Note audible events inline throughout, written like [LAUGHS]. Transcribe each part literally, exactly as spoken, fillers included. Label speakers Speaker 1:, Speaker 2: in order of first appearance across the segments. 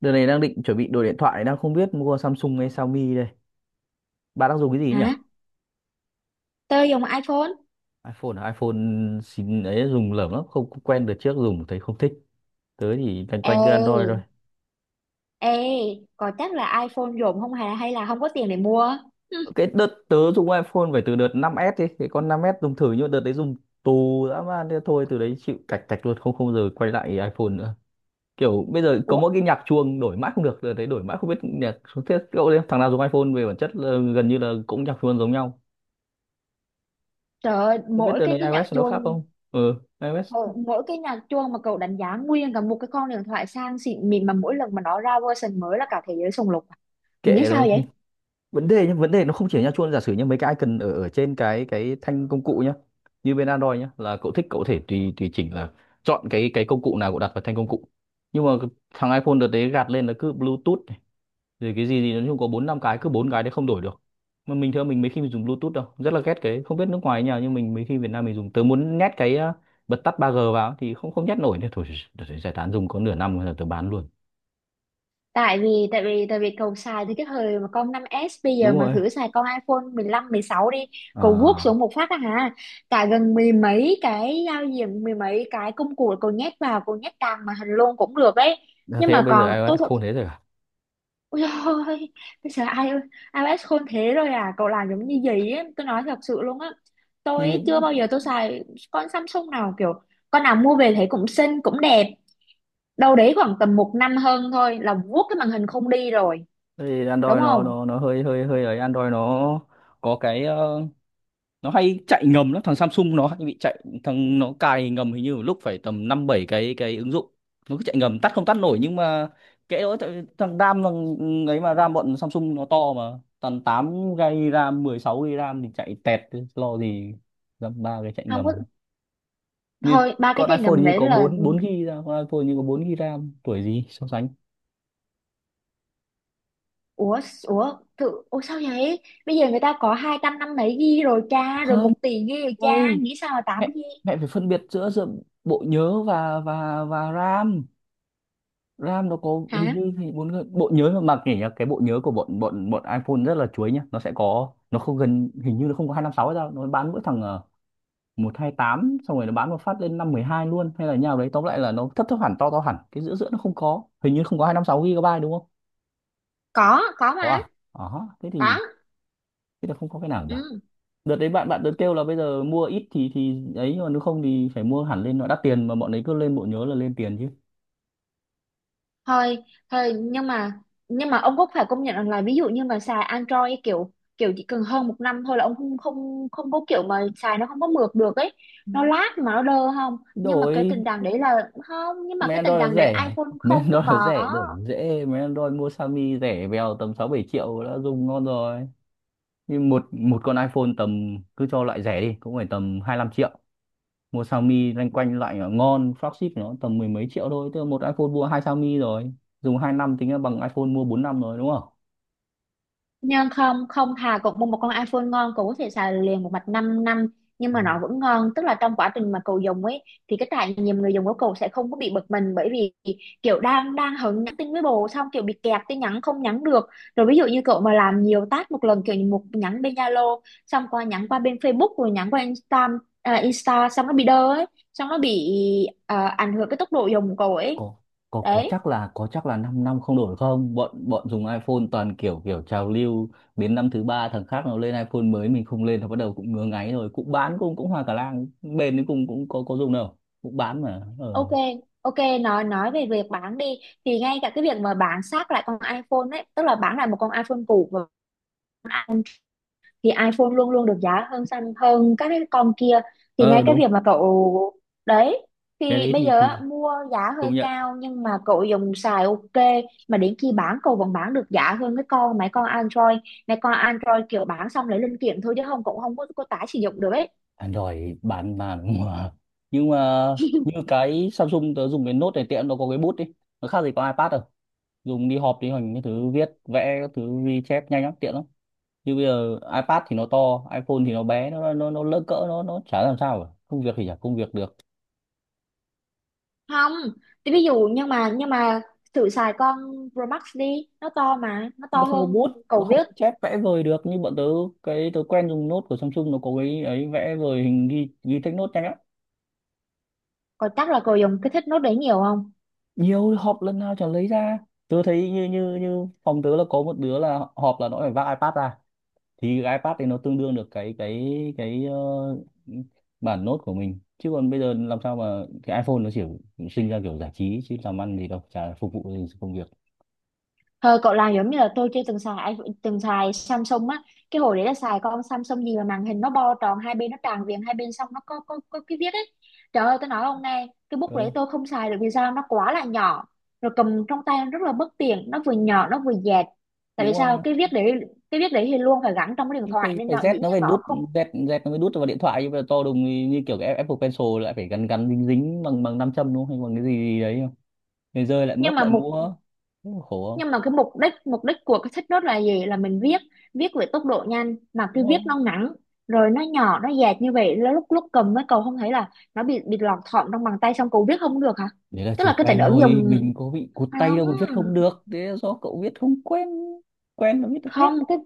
Speaker 1: Đợt này đang định chuẩn bị đổi điện thoại, đang không biết mua Samsung hay Xiaomi đây. Bạn đang dùng cái gì nhỉ?
Speaker 2: Hả? Tôi dùng iPhone?
Speaker 1: iPhone à? iPhone xin ấy dùng lởm lắm, không không quen được, trước dùng thấy không thích. Tớ thì loanh
Speaker 2: Ê,
Speaker 1: quanh cứ Android thôi.
Speaker 2: ê, có chắc là iPhone dùng không hay hay là không có tiền để mua? [LAUGHS] Hừ.
Speaker 1: Cái đợt tớ dùng iPhone phải từ đợt năm ét đi, cái con năm ét dùng thử, nhưng mà đợt đấy dùng tù dã man, thế thôi từ đấy chịu, cạch cạch luôn, không không giờ quay lại iPhone nữa. Kiểu bây giờ có
Speaker 2: Ủa,
Speaker 1: mỗi cái nhạc chuông đổi mãi không được, đợt đấy đổi mãi không biết nhạc xuống thiết cậu đấy, thằng nào dùng iPhone về bản chất là gần như là cũng nhạc chuông giống nhau.
Speaker 2: trời ơi,
Speaker 1: Không biết
Speaker 2: mỗi
Speaker 1: đợt
Speaker 2: cái
Speaker 1: này
Speaker 2: cái nhạc
Speaker 1: iOS nó khác
Speaker 2: chuông
Speaker 1: không? Ừ, iOS
Speaker 2: mỗi, mỗi cái nhạc chuông mà cậu đánh giá nguyên cả một cái con điện thoại sang xịn mịn mà mỗi lần mà nó ra version mới là cả thế giới sùng lục. À? Nghĩ
Speaker 1: kệ
Speaker 2: sao
Speaker 1: rồi.
Speaker 2: vậy?
Speaker 1: Vấn đề nhá, vấn đề nó không chỉ ở nha chuông, giả sử như mấy cái icon ở ở trên cái cái thanh công cụ nhá, như bên Android nhá, là cậu thích cậu có thể tùy tùy chỉnh, là chọn cái cái công cụ nào cậu đặt vào thanh công cụ. Nhưng mà cái- thằng iPhone đợt đấy gạt lên là cứ Bluetooth này, rồi cái gì gì nói chung có bốn năm cái, cứ bốn cái đấy không đổi được. Mà mình thưa, mình mấy khi mình dùng Bluetooth đâu, rất là ghét cái, không biết nước ngoài như nào nhưng mình mấy khi, Việt Nam mình dùng, tớ muốn nhét cái ờ, bật tắt ba g vào thì không không nhét nổi, nữa thôi đợt đấy giải tán, dùng có nửa năm rồi tớ bán luôn.
Speaker 2: tại vì tại vì tại vì cậu xài từ cái thời mà con năm s, bây giờ
Speaker 1: Đúng
Speaker 2: mà
Speaker 1: rồi,
Speaker 2: thử xài con iPhone mười lăm mười sáu đi. Cậu vuốt xuống
Speaker 1: à,
Speaker 2: một phát á hả, cả gần mười mấy cái giao diện, mười mấy cái công cụ cậu nhét vào, cậu nhét càng màn hình luôn cũng được đấy, nhưng
Speaker 1: thế
Speaker 2: mà
Speaker 1: bây giờ
Speaker 2: còn tôi
Speaker 1: iOS
Speaker 2: thật.
Speaker 1: khôn thế rồi à?
Speaker 2: Ôi dồi ôi, bây giờ ai iOS khôn thế rồi à? Cậu làm giống như gì ấy, tôi nói thật sự luôn á,
Speaker 1: Như
Speaker 2: tôi ấy chưa
Speaker 1: những,
Speaker 2: bao giờ tôi xài con Samsung nào kiểu, con nào mua về thấy cũng xinh cũng đẹp, đâu đấy khoảng tầm một năm hơn thôi là vuốt cái màn hình không đi rồi,
Speaker 1: thì
Speaker 2: đúng
Speaker 1: Android nó
Speaker 2: không?
Speaker 1: nó nó hơi hơi hơi ấy, Android nó có cái ờ, nó hay chạy ngầm lắm, thằng Samsung nó hay bị chạy, thằng nó cài ngầm hình như một lúc phải tầm năm bảy cái, cái ứng dụng nó cứ chạy ngầm, tắt không tắt nổi. Nhưng mà kệ đó, tại- thằng RAM, thằng ấy mà, RAM bọn Samsung nó to mà, tầm tám gi bê RAM, mười sáu gi bê RAM thì chạy tẹt chứ lo gì dăm ba cái chạy
Speaker 2: Không có.
Speaker 1: ngầm. Như
Speaker 2: Thôi ba cái
Speaker 1: con
Speaker 2: trải
Speaker 1: iPhone hình
Speaker 2: ngầm
Speaker 1: như
Speaker 2: đấy
Speaker 1: có
Speaker 2: là
Speaker 1: bốn 4 GB RAM, con iPhone hình như có bốn ghi ga bai RAM, tuổi gì so sánh.
Speaker 2: ủa ủa tự ủa sao vậy? Bây giờ người ta có hai trăm năm mươi ghi rồi cha, rồi
Speaker 1: Không,
Speaker 2: một tỷ ghi rồi cha,
Speaker 1: ơi
Speaker 2: nghĩ sao mà tám
Speaker 1: mẹ,
Speaker 2: ghi?
Speaker 1: mẹ phải phân biệt giữa giữa bộ nhớ và và và RAM. RAM nó có
Speaker 2: Hả?
Speaker 1: hình như thì bốn cái- bộ nhớ mà, mặc nhỉ nhá, cái bộ nhớ của bọn bọn bọn iPhone rất là chuối nhá, nó sẽ có, nó không, gần hình như nó không có hai trăm năm mươi sáu hay sao, nó bán mỗi thằng ờ, một hai tám, xong rồi nó bán một phát lên năm mười hai luôn, hay là như đấy. Tóm lại là nó thấp thấp hẳn, to to hẳn, cái giữa giữa nó không có, hình như không có hai trăm năm mươi sáu gi bê đúng không?
Speaker 2: có có
Speaker 1: Có
Speaker 2: mà.
Speaker 1: à? Ờ, thế thì,
Speaker 2: Có.
Speaker 1: thế là không có cái nào nhỉ.
Speaker 2: Ừ.
Speaker 1: Đợt đấy bạn bạn đợt kêu là bây giờ mua ít thì thì ấy, nhưng mà nếu không thì phải mua hẳn lên, nó đắt tiền mà bọn ấy cứ lên bộ nhớ là lên tiền chứ.
Speaker 2: Thôi, thôi, nhưng mà nhưng mà ông cũng phải công nhận rằng là ví dụ như mà xài Android kiểu, kiểu chỉ cần hơn một năm thôi là ông không không không có kiểu mà xài nó không có mượt được ấy, nó lag mà nó đơ. Không, nhưng mà cái
Speaker 1: Đổi
Speaker 2: tình trạng đấy là không, nhưng mà
Speaker 1: mấy
Speaker 2: cái tình
Speaker 1: Android nó
Speaker 2: trạng đấy
Speaker 1: rẻ,
Speaker 2: iPhone
Speaker 1: mấy
Speaker 2: không
Speaker 1: Android nó
Speaker 2: có.
Speaker 1: rẻ đổi nó dễ, mấy Android mua Xiaomi rẻ bèo, tầm sáu bảy triệu đã dùng ngon rồi. Nhưng một một con iPhone tầm, cứ cho loại rẻ đi, cũng phải tầm hai lăm triệu. Mua Xiaomi loanh quanh loại ngon flagship nó tầm mười mấy triệu thôi, tức là một iPhone mua hai Xiaomi rồi, dùng hai năm tính là bằng iPhone mua bốn năm rồi đúng không?
Speaker 2: Nhưng không, không, thà cậu mua một con iPhone ngon cậu có thể xài liền một mạch 5 năm nhưng
Speaker 1: Ừ.
Speaker 2: mà nó vẫn ngon, tức là trong quá trình mà cậu dùng ấy thì cái trải nghiệm người dùng của cậu sẽ không có bị bực mình, bởi vì kiểu đang đang hứng nhắn tin với bồ xong kiểu bị kẹt tin nhắn không nhắn được, rồi ví dụ như cậu mà làm nhiều task một lần, kiểu như một nhắn bên Zalo xong qua nhắn qua bên Facebook rồi nhắn qua Insta, à, Insta xong nó bị đơ ấy, xong nó bị à, ảnh hưởng cái tốc độ dùng của cậu ấy.
Speaker 1: Có, có có
Speaker 2: Đấy.
Speaker 1: chắc là, có chắc là 5 năm năm không đổi không? Bọn, bọn dùng iPhone toàn kiểu kiểu trào lưu, đến năm thứ ba thằng khác nó lên iPhone mới, mình không lên nó bắt đầu cũng ngứa ngáy rồi, cũng bán, cũng cũng hoa cả lang, bền đến cùng cũng có có dùng đâu, cũng bán mà.
Speaker 2: Ok,
Speaker 1: Ờ,
Speaker 2: ok, nói nói về việc bán đi, thì ngay cả cái việc mà bán xác lại con iPhone ấy, tức là bán lại một con iPhone cũ mà, thì iPhone luôn luôn được giá hơn xanh hơn các cái con kia. Thì
Speaker 1: ờ
Speaker 2: ngay cái
Speaker 1: đúng,
Speaker 2: việc mà cậu đấy,
Speaker 1: cái
Speaker 2: thì
Speaker 1: đấy
Speaker 2: bây
Speaker 1: thì
Speaker 2: giờ á,
Speaker 1: thì
Speaker 2: mua giá hơi
Speaker 1: công nhận.
Speaker 2: cao nhưng mà cậu dùng xài ok, mà đến khi bán cậu vẫn bán được giá hơn cái con mấy con Android. Mấy con Android kiểu bán xong lấy linh kiện thôi chứ không cũng không có, có tái sử dụng được ấy.
Speaker 1: Android bán mà, đúng mà. Nhưng mà như cái Samsung tớ dùng, cái Note này tiện, nó có cái bút đi, nó khác gì có iPad đâu, dùng đi họp đi hành, cái thứ viết vẽ các thứ ghi chép nhanh lắm, tiện lắm. Như bây giờ iPad thì nó to, iPhone thì nó bé, nó nó nó lỡ cỡ, nó nó chả làm sao cả, công việc thì chả công việc được.
Speaker 2: Không, thì ví dụ nhưng mà nhưng mà thử xài con Pro Max đi, nó to mà, nó
Speaker 1: Nó
Speaker 2: to
Speaker 1: không có
Speaker 2: hơn,
Speaker 1: bút, nó
Speaker 2: cậu
Speaker 1: không
Speaker 2: viết,
Speaker 1: có chép vẽ vời được như bọn tớ. Cái tớ quen dùng nốt của Samsung nó có cái ấy, vẽ vời hình, ghi ghi text nốt nhanh lắm.
Speaker 2: cậu chắc là cậu dùng cái thích nốt đấy nhiều không?
Speaker 1: Nhiều, họp lần nào chẳng lấy ra. Tớ thấy như, như như phòng tớ là có một đứa là họp là nó phải vác iPad ra, thì cái iPad thì nó tương đương được cái cái cái ờ, bản nốt của mình, chứ còn bây giờ làm sao mà cái iPhone nó chỉ sinh ra kiểu giải trí chứ làm ăn gì đâu, chả phục vụ gì công việc.
Speaker 2: Thôi cậu làm giống như là tôi chưa từng xài iPhone- từng xài Samsung á. Cái hồi đấy là xài con Samsung gì mà màn hình nó bo tròn hai bên, nó tràn viền hai bên, xong nó có có có cái viết ấy. Trời ơi tôi nói ông này, cái bút
Speaker 1: Ừ,
Speaker 2: đấy tôi không xài được, vì sao, nó quá là nhỏ, rồi cầm trong tay nó rất là bất tiện, nó vừa nhỏ nó vừa dẹt. Tại
Speaker 1: đúng
Speaker 2: vì
Speaker 1: rồi
Speaker 2: sao,
Speaker 1: đó.
Speaker 2: cái viết đấy, cái viết đấy thì luôn phải gắn trong cái điện
Speaker 1: Cái,
Speaker 2: thoại
Speaker 1: cái,
Speaker 2: nên
Speaker 1: cái
Speaker 2: là dĩ
Speaker 1: Z nó
Speaker 2: nhiên
Speaker 1: phải
Speaker 2: nó
Speaker 1: đút,
Speaker 2: không.
Speaker 1: Z, Z nó mới đút vào điện thoại nhưng mà to đùng, thì như kiểu cái Apple Pencil lại phải gắn gắn dính dính bằng bằng nam châm đúng không, hay bằng cái gì, gì đấy không, người rơi lại
Speaker 2: Nhưng
Speaker 1: mất,
Speaker 2: mà
Speaker 1: lại
Speaker 2: một,
Speaker 1: mua. Thế mà khổ không,
Speaker 2: nhưng mà cái mục đích mục đích của cái sách nốt là gì, là mình viết, viết với tốc độ nhanh mà cứ
Speaker 1: đúng
Speaker 2: viết
Speaker 1: không?
Speaker 2: nó ngắn rồi, nó nhỏ nó dẹt như vậy, lúc lúc cầm với cậu không thấy là nó bị bị lọt thỏm trong bàn tay xong cậu viết không được hả?
Speaker 1: Đấy là
Speaker 2: Tức
Speaker 1: chưa
Speaker 2: là cái tính
Speaker 1: quen
Speaker 2: ứng
Speaker 1: thôi,
Speaker 2: dụng
Speaker 1: mình có bị cụt tay
Speaker 2: không.
Speaker 1: đâu mà viết không được, thế là do cậu viết không quen, quen là viết được hết.
Speaker 2: không cái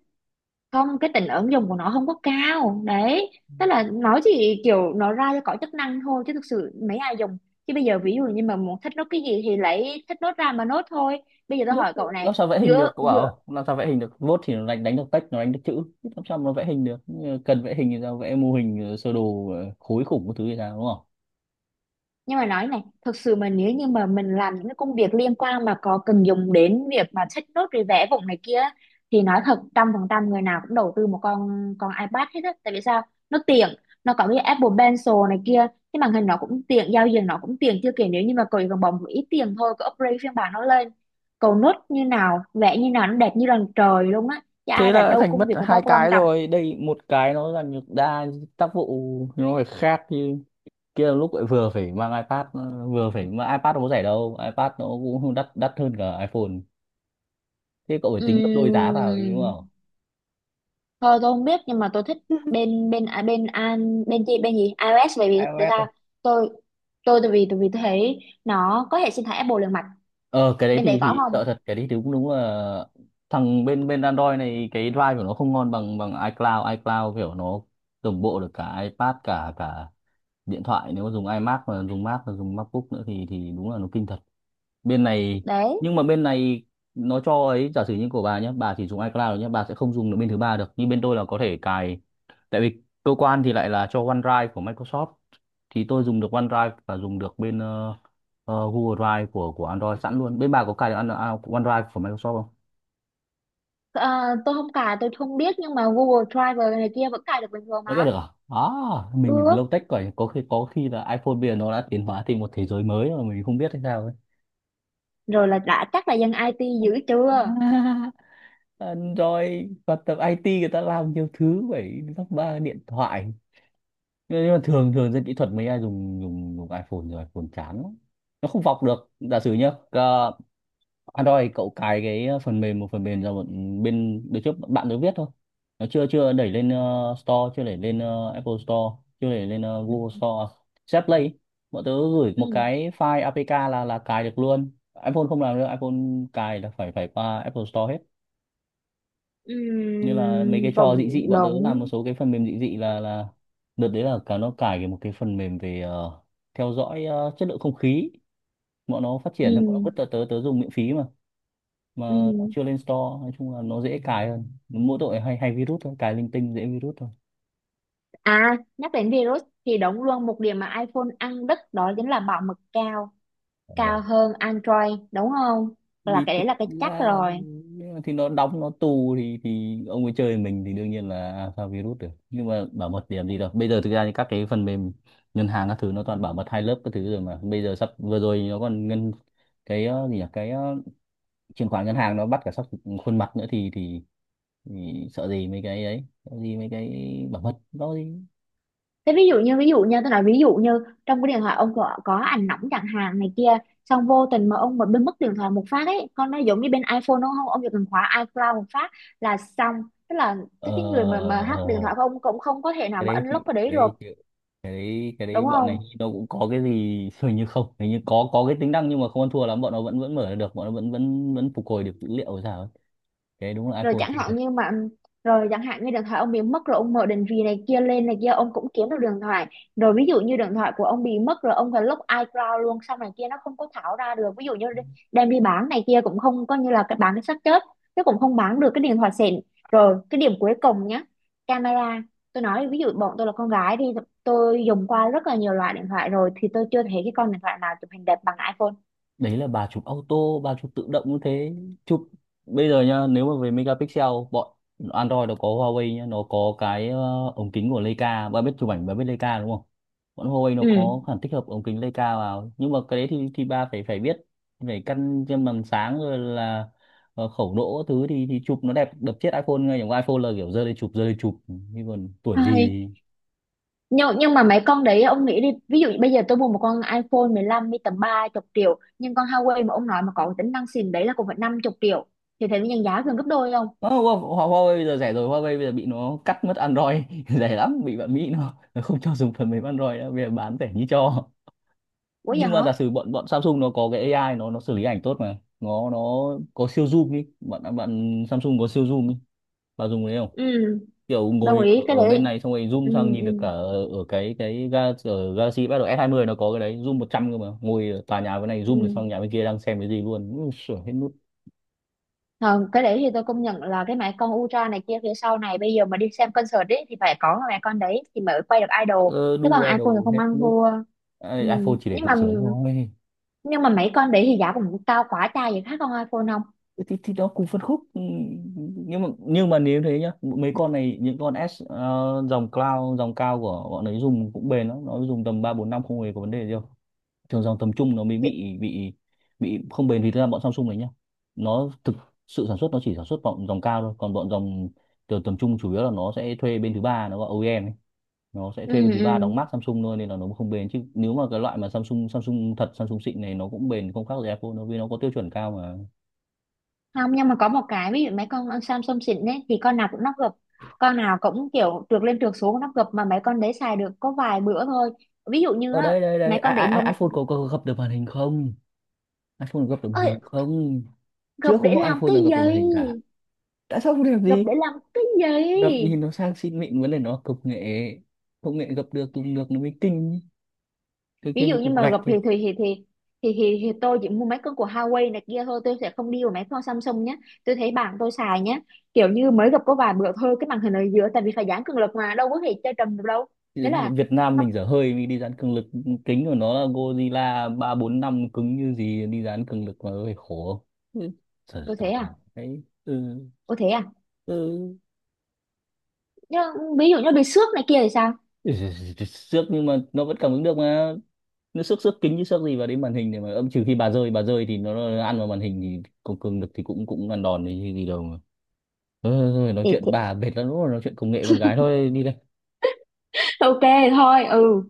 Speaker 2: không cái tính ứng dụng của nó không có cao đấy, tức là nó chỉ kiểu nó ra cho có chức năng thôi chứ thực sự mấy ai dùng. Chứ bây giờ ví dụ như mà muốn thích nốt cái gì thì lấy thích nốt ra mà nốt thôi. Bây giờ tôi
Speaker 1: Nốt
Speaker 2: hỏi cậu này,
Speaker 1: làm sao vẽ hình
Speaker 2: giữa
Speaker 1: được, cậu
Speaker 2: giữa
Speaker 1: bảo làm sao vẽ hình được. Nốt thì nó đánh đánh được text, nó đánh được chữ, làm sao mà nó vẽ hình được. Nhưng mà cần vẽ hình thì sao, vẽ mô hình ờ, sơ đồ ờ, khối khủng cái thứ gì sao, đúng không?
Speaker 2: nhưng mà nói này, thực sự mà nếu như mà mình làm những cái công việc liên quan mà có cần dùng đến việc mà check nốt rồi vẽ vùng này kia á, thì nói thật trăm phần trăm người nào cũng đầu tư một con con iPad hết á, tại vì sao, nó tiện, nó có cái Apple Pencil này kia, cái màn hình nó cũng tiện, giao diện nó cũng tiện, chưa kể nếu như mà cậu chỉ cần bỏ một ít tiền thôi, cậu upgrade phiên bản nó lên, cậu nốt như nào vẽ như nào nó đẹp như lần trời luôn á, chứ ai
Speaker 1: Thế là
Speaker 2: rảnh
Speaker 1: đã
Speaker 2: đâu,
Speaker 1: thành
Speaker 2: công
Speaker 1: mất
Speaker 2: việc người ta
Speaker 1: hai
Speaker 2: có quan
Speaker 1: cái
Speaker 2: trọng.
Speaker 1: rồi đây, một cái nó là nhược đa tác vụ, nó phải khác. Như kia là lúc lại vừa phải mang iPad, vừa phải mang iPad, nó có rẻ đâu, iPad nó cũng không đắt, đắt hơn cả iPhone, thế cậu phải tính gấp đôi giá vào chứ đúng
Speaker 2: Ừm,
Speaker 1: không?
Speaker 2: Thôi tôi không biết nhưng mà tôi thích bên bên à, bên an bên gì bên gì iOS, bởi vì tại
Speaker 1: iOS ấy.
Speaker 2: sao, tôi tôi tại vì tại vì tôi thấy nó có hệ sinh thái Apple liền mạch.
Speaker 1: Ờ cái đấy
Speaker 2: Bên
Speaker 1: thì
Speaker 2: đấy có
Speaker 1: thì
Speaker 2: không?
Speaker 1: sợ thật, cái đấy thì cũng đúng là, thằng bên bên Android này, cái drive của nó không ngon bằng bằng iCloud, iCloud kiểu nó đồng bộ được cả iPad, cả cả điện thoại, nếu mà dùng iMac, mà dùng Mac, mà dùng MacBook nữa thì thì đúng là nó kinh thật. Bên này,
Speaker 2: Đấy.
Speaker 1: nhưng mà bên này nó cho ấy, giả sử như của bà nhé, bà chỉ dùng iCloud nhé, bà sẽ không dùng được bên thứ ba được, nhưng bên tôi là có thể cài. Tại vì cơ quan thì lại là cho OneDrive của Microsoft, thì tôi dùng được OneDrive, và dùng được bên ờ, ờ, Google Drive của của Android sẵn luôn. Bên bà có cài được An- à, OneDrive của Microsoft không?
Speaker 2: Ờ, tôi không cài tôi không biết nhưng mà Google Drive này kia vẫn cài được bình thường
Speaker 1: Có cài
Speaker 2: mà.
Speaker 1: được à? À, mình
Speaker 2: Được.
Speaker 1: lâu tech rồi, có khi, có khi là iPhone bây giờ nó đã tiến hóa thành một thế giới mới mà mình không biết hay sao ấy.
Speaker 2: Rồi là đã chắc là dân IT dữ chưa.
Speaker 1: [LAUGHS] À, rồi và tập i tê người ta làm nhiều thứ, phải lắp ba điện thoại. Ờ, nhưng mà thường thường dân kỹ thuật mấy ai dùng dùng dùng iPhone, rồi iPhone chán lắm. Nó không vọc được, giả sử nhá, ờ, Android cậu cài cái phần mềm, một phần mềm ra, một bên đứa trước, bạn đứa viết thôi, nó chưa chưa đẩy lên ờ, Store, chưa đẩy lên ờ, Apple Store, chưa đẩy lên ờ,
Speaker 2: Ừ,
Speaker 1: Google Store Set Play ấy. Bọn tớ gửi
Speaker 2: ừ,
Speaker 1: một cái file a pê ca là là cài được luôn. iPhone không làm được. iPhone cài là phải phải qua Apple Store hết.
Speaker 2: ừ,
Speaker 1: Như là mấy cái trò dị
Speaker 2: cộng
Speaker 1: dị, bọn tớ làm
Speaker 2: đồng,
Speaker 1: một số cái phần mềm dị dị là là đợt đấy là cả nó cài cái một cái phần mềm về ờ, theo dõi ờ, chất lượng không khí. Bọn nó phát
Speaker 2: ừ,
Speaker 1: triển thì bọn nó vứt tớ, tớ tớ dùng miễn phí mà mà nó
Speaker 2: ừ.
Speaker 1: chưa lên store. Nói chung là nó dễ cài hơn, mỗi tội hay hay virus thôi, cài linh tinh dễ virus
Speaker 2: À, nhắc đến virus thì đúng luôn một điểm mà iPhone ăn đứt đó chính là bảo mật cao, cao
Speaker 1: thôi.
Speaker 2: hơn Android đúng không? Là
Speaker 1: Vì
Speaker 2: cái
Speaker 1: thực
Speaker 2: đấy là cái chắc
Speaker 1: ra là
Speaker 2: rồi.
Speaker 1: nhưng mà thì nó đóng, nó tù, thì thì ông ấy chơi mình thì đương nhiên là alpha virus được. Nhưng mà bảo mật điểm gì đâu, bây giờ thực ra thì các cái phần mềm ngân hàng các thứ nó toàn bảo mật hai lớp các thứ rồi mà. Bây giờ sắp vừa rồi nó còn ngân cái ờ, gì nhỉ, cái ờ, chuyển khoản ngân hàng, nó bắt cả sắp khuôn mặt nữa thì, thì thì sợ gì mấy cái ấy, sợ gì mấy cái bảo mật đó gì.
Speaker 2: Thế ví dụ như, ví dụ như tôi nói, ví dụ như trong cái điện thoại ông có, có ảnh nóng chẳng hạn này kia, xong vô tình mà ông mà bên mất điện thoại một phát ấy, con nó giống như bên iPhone đúng không, ông chỉ cần khóa iCloud một phát là xong, tức là
Speaker 1: ờ
Speaker 2: cái cái người
Speaker 1: ờ,
Speaker 2: mà mà
Speaker 1: ờ, ờ,
Speaker 2: hack điện
Speaker 1: ờ.
Speaker 2: thoại của ông cũng không có thể nào
Speaker 1: Cái
Speaker 2: mà
Speaker 1: đấy chịu,
Speaker 2: unlock cái đấy
Speaker 1: cái đấy
Speaker 2: được,
Speaker 1: cái đấy cái đấy
Speaker 2: đúng
Speaker 1: bọn
Speaker 2: không?
Speaker 1: này nó cũng có cái gì. [LAUGHS] Hình như không, hình như có có cái tính năng nhưng mà không ăn thua lắm. Bọn nó vẫn vẫn mở được, bọn nó vẫn vẫn vẫn phục hồi được dữ liệu rồi sao ấy. Cái đấy đúng là
Speaker 2: Rồi
Speaker 1: iPhone.
Speaker 2: chẳng hạn như mà rồi chẳng hạn như điện thoại ông bị mất rồi, ông mở định vị này kia lên này kia, ông cũng kiếm được điện thoại. Rồi ví dụ như điện thoại của ông bị mất rồi ông phải lúc iCloud luôn xong này kia, nó không có thảo ra được, ví dụ như đi- đem đi bán này kia cũng không, coi như là cái bán cái xác chết chứ cũng không bán được cái điện thoại xịn. Rồi cái điểm cuối cùng nhá, camera. Tôi nói ví dụ bọn tôi là con gái đi, tôi dùng qua rất là nhiều loại điện thoại rồi thì tôi chưa thấy cái con điện thoại nào chụp hình đẹp bằng iPhone.
Speaker 1: Đấy là bà chụp auto, bà chụp tự động như thế. Chụp bây giờ nhá, nếu mà về megapixel, bọn Android nó có Huawei nhá, nó có cái ờ, ống kính của Leica. Bà biết chụp ảnh, bà biết Leica đúng không. Bọn Huawei nó có khả năng tích hợp ống kính Leica vào, nhưng mà cái đấy thì thì bà phải phải biết, phải căn trên màn sáng rồi là ờ, khẩu độ các thứ, thì thì chụp nó đẹp đập chết iPhone ngay. Chẳng qua iPhone là kiểu giơ lên chụp, giơ lên chụp, nhưng còn tuổi gì.
Speaker 2: Ừ. nhưng nhưng mà mấy con đấy ông nghĩ đi, ví dụ như bây giờ tôi mua một con iPhone mười lăm đi tầm ba chục triệu, nhưng con Huawei mà ông nói mà có cái tính năng xịn đấy là cũng phải năm chục triệu, thì thấy nhân giá gần gấp đôi không?
Speaker 1: Ờ, Hua- Hua- Huawei bây giờ rẻ rồi. Huawei bây giờ bị nó cắt mất Android [LAUGHS] rẻ lắm, bị bạn Mỹ nó, nó không cho dùng phần mềm Android nữa, bây giờ bán rẻ như cho.
Speaker 2: Quá vậy
Speaker 1: Nhưng
Speaker 2: hả?
Speaker 1: mà giả sử bọn bọn Samsung nó có cái a i, nó nó xử lý ảnh tốt mà nó nó có siêu zoom đi, bạn bạn Samsung có siêu zoom đi, bạn dùng cái đấy không.
Speaker 2: Ừ,
Speaker 1: Kiểu
Speaker 2: đồng
Speaker 1: ngồi
Speaker 2: ý
Speaker 1: ở,
Speaker 2: cái
Speaker 1: ở
Speaker 2: đấy.
Speaker 1: bên này xong rồi zoom
Speaker 2: Ừ,
Speaker 1: sang nhìn
Speaker 2: ừ,
Speaker 1: được cả ở, ở cái cái ga, ở Galaxy bắt đầu S hai mươi nó có cái đấy, zoom một trăm cơ. Mà ngồi ở tòa nhà bên này zoom được sang
Speaker 2: ừ.
Speaker 1: nhà bên kia đang xem cái gì luôn. Ui, sửa hết nút,
Speaker 2: Ờ, cái đấy thì tôi công nhận là cái máy con Ultra này kia phía sau này, bây giờ mà đi xem concert ấy thì phải có cái máy con đấy thì mới quay được idol,
Speaker 1: ờ,
Speaker 2: chứ
Speaker 1: đu
Speaker 2: còn
Speaker 1: AI
Speaker 2: iPhone thì
Speaker 1: đồ
Speaker 2: không
Speaker 1: hết
Speaker 2: ăn
Speaker 1: nút.
Speaker 2: thua.
Speaker 1: Ai-
Speaker 2: Ừ.
Speaker 1: iPhone chỉ để
Speaker 2: Nhưng
Speaker 1: tự
Speaker 2: mà
Speaker 1: sướng thôi.
Speaker 2: nhưng mà mấy con đấy thì giá cũng cao quá cha vậy, khác con iPhone không?
Speaker 1: Thì, thì nó cùng phân khúc, ừ, nhưng mà nhưng mà nếu thế nhá, mấy con này, những con S ờ, dòng cloud, dòng cao của bọn ấy dùng cũng bền lắm, nó dùng tầm ba bốn năm không hề có vấn đề gì đâu. Thường dòng tầm trung nó mới
Speaker 2: Chứ-
Speaker 1: bị bị bị không bền. Vì thực ra bọn Samsung này nhá, nó thực sự sản xuất, nó chỉ sản xuất bọn dòng cao thôi, còn bọn dòng từ tầm trung chủ yếu là nó sẽ thuê bên thứ ba, nó gọi âu i em ấy. Nó sẽ
Speaker 2: ừ,
Speaker 1: thuê bên thứ ba đóng
Speaker 2: ừ,
Speaker 1: mác Samsung thôi nên là nó không bền. Chứ nếu mà cái loại mà Samsung Samsung thật, Samsung xịn này, nó cũng bền không khác gì Apple, nó vì nó có tiêu chuẩn cao mà.
Speaker 2: không, nhưng mà có một cái ví dụ, mấy con Samsung xịn ấy thì con nào cũng nắp gập, con nào cũng kiểu trượt lên trượt xuống nắp gập, mà mấy con đấy xài được có vài bữa thôi, ví dụ như
Speaker 1: Ở
Speaker 2: á,
Speaker 1: đây đây đây I,
Speaker 2: mấy con để
Speaker 1: I, I-
Speaker 2: mâm
Speaker 1: iPhone có, có gập được màn hình không, iPhone gập được màn
Speaker 2: ơi.
Speaker 1: hình không?
Speaker 2: Gập
Speaker 1: Trước
Speaker 2: để
Speaker 1: không có
Speaker 2: làm
Speaker 1: iPhone
Speaker 2: cái
Speaker 1: nào gập được màn hình cả.
Speaker 2: gì?
Speaker 1: Tại sao không đẹp
Speaker 2: Gập
Speaker 1: gì?
Speaker 2: để làm cái
Speaker 1: Gập nhìn
Speaker 2: gì?
Speaker 1: nó sang xịn mịn, vấn đề nó công nghệ, công nghệ gập được, dùng được nó mới kinh. Cái
Speaker 2: Ví
Speaker 1: kia như
Speaker 2: dụ như
Speaker 1: cục
Speaker 2: mà
Speaker 1: gạch
Speaker 2: gập thì
Speaker 1: ấy.
Speaker 2: thì thì thì thì, thì, thì tôi chỉ mua mấy con của Huawei này kia thôi, tôi sẽ không đi vào mấy con Samsung nhé. Tôi thấy bạn tôi xài nhé, kiểu như mới gập có vài bữa thôi, cái màn hình ở giữa tại vì phải giãn cường lực mà đâu có thể chơi trầm được đâu.
Speaker 1: Thì
Speaker 2: Thế là
Speaker 1: Việt Nam
Speaker 2: nó
Speaker 1: mình dở hơi mình đi dán cường lực. Kính của nó là Godzilla ba bốn năm, cứng như gì đi dán cường lực mà hơi khổ. Ừ, sợ
Speaker 2: có thế
Speaker 1: toàn là
Speaker 2: à?
Speaker 1: cái ừ,
Speaker 2: Có thế à?
Speaker 1: ừ.
Speaker 2: Nhưng ví dụ như bị xước này kia thì sao?
Speaker 1: Ừ, xước nhưng mà nó vẫn cảm ứng được mà. Nó xước xước kính chứ xước gì vào đến màn hình để mà âm. Trừ khi bà rơi, bà rơi thì nó, nó ăn vào màn hình thì không cương được thì cũng cũng ăn đòn thì gì đâu mà. Thôi, thôi, thôi, nói
Speaker 2: thì,
Speaker 1: chuyện
Speaker 2: thì
Speaker 1: bà mệt lắm rồi, nói chuyện công nghệ con gái thôi đi.
Speaker 2: ok, thôi ừ.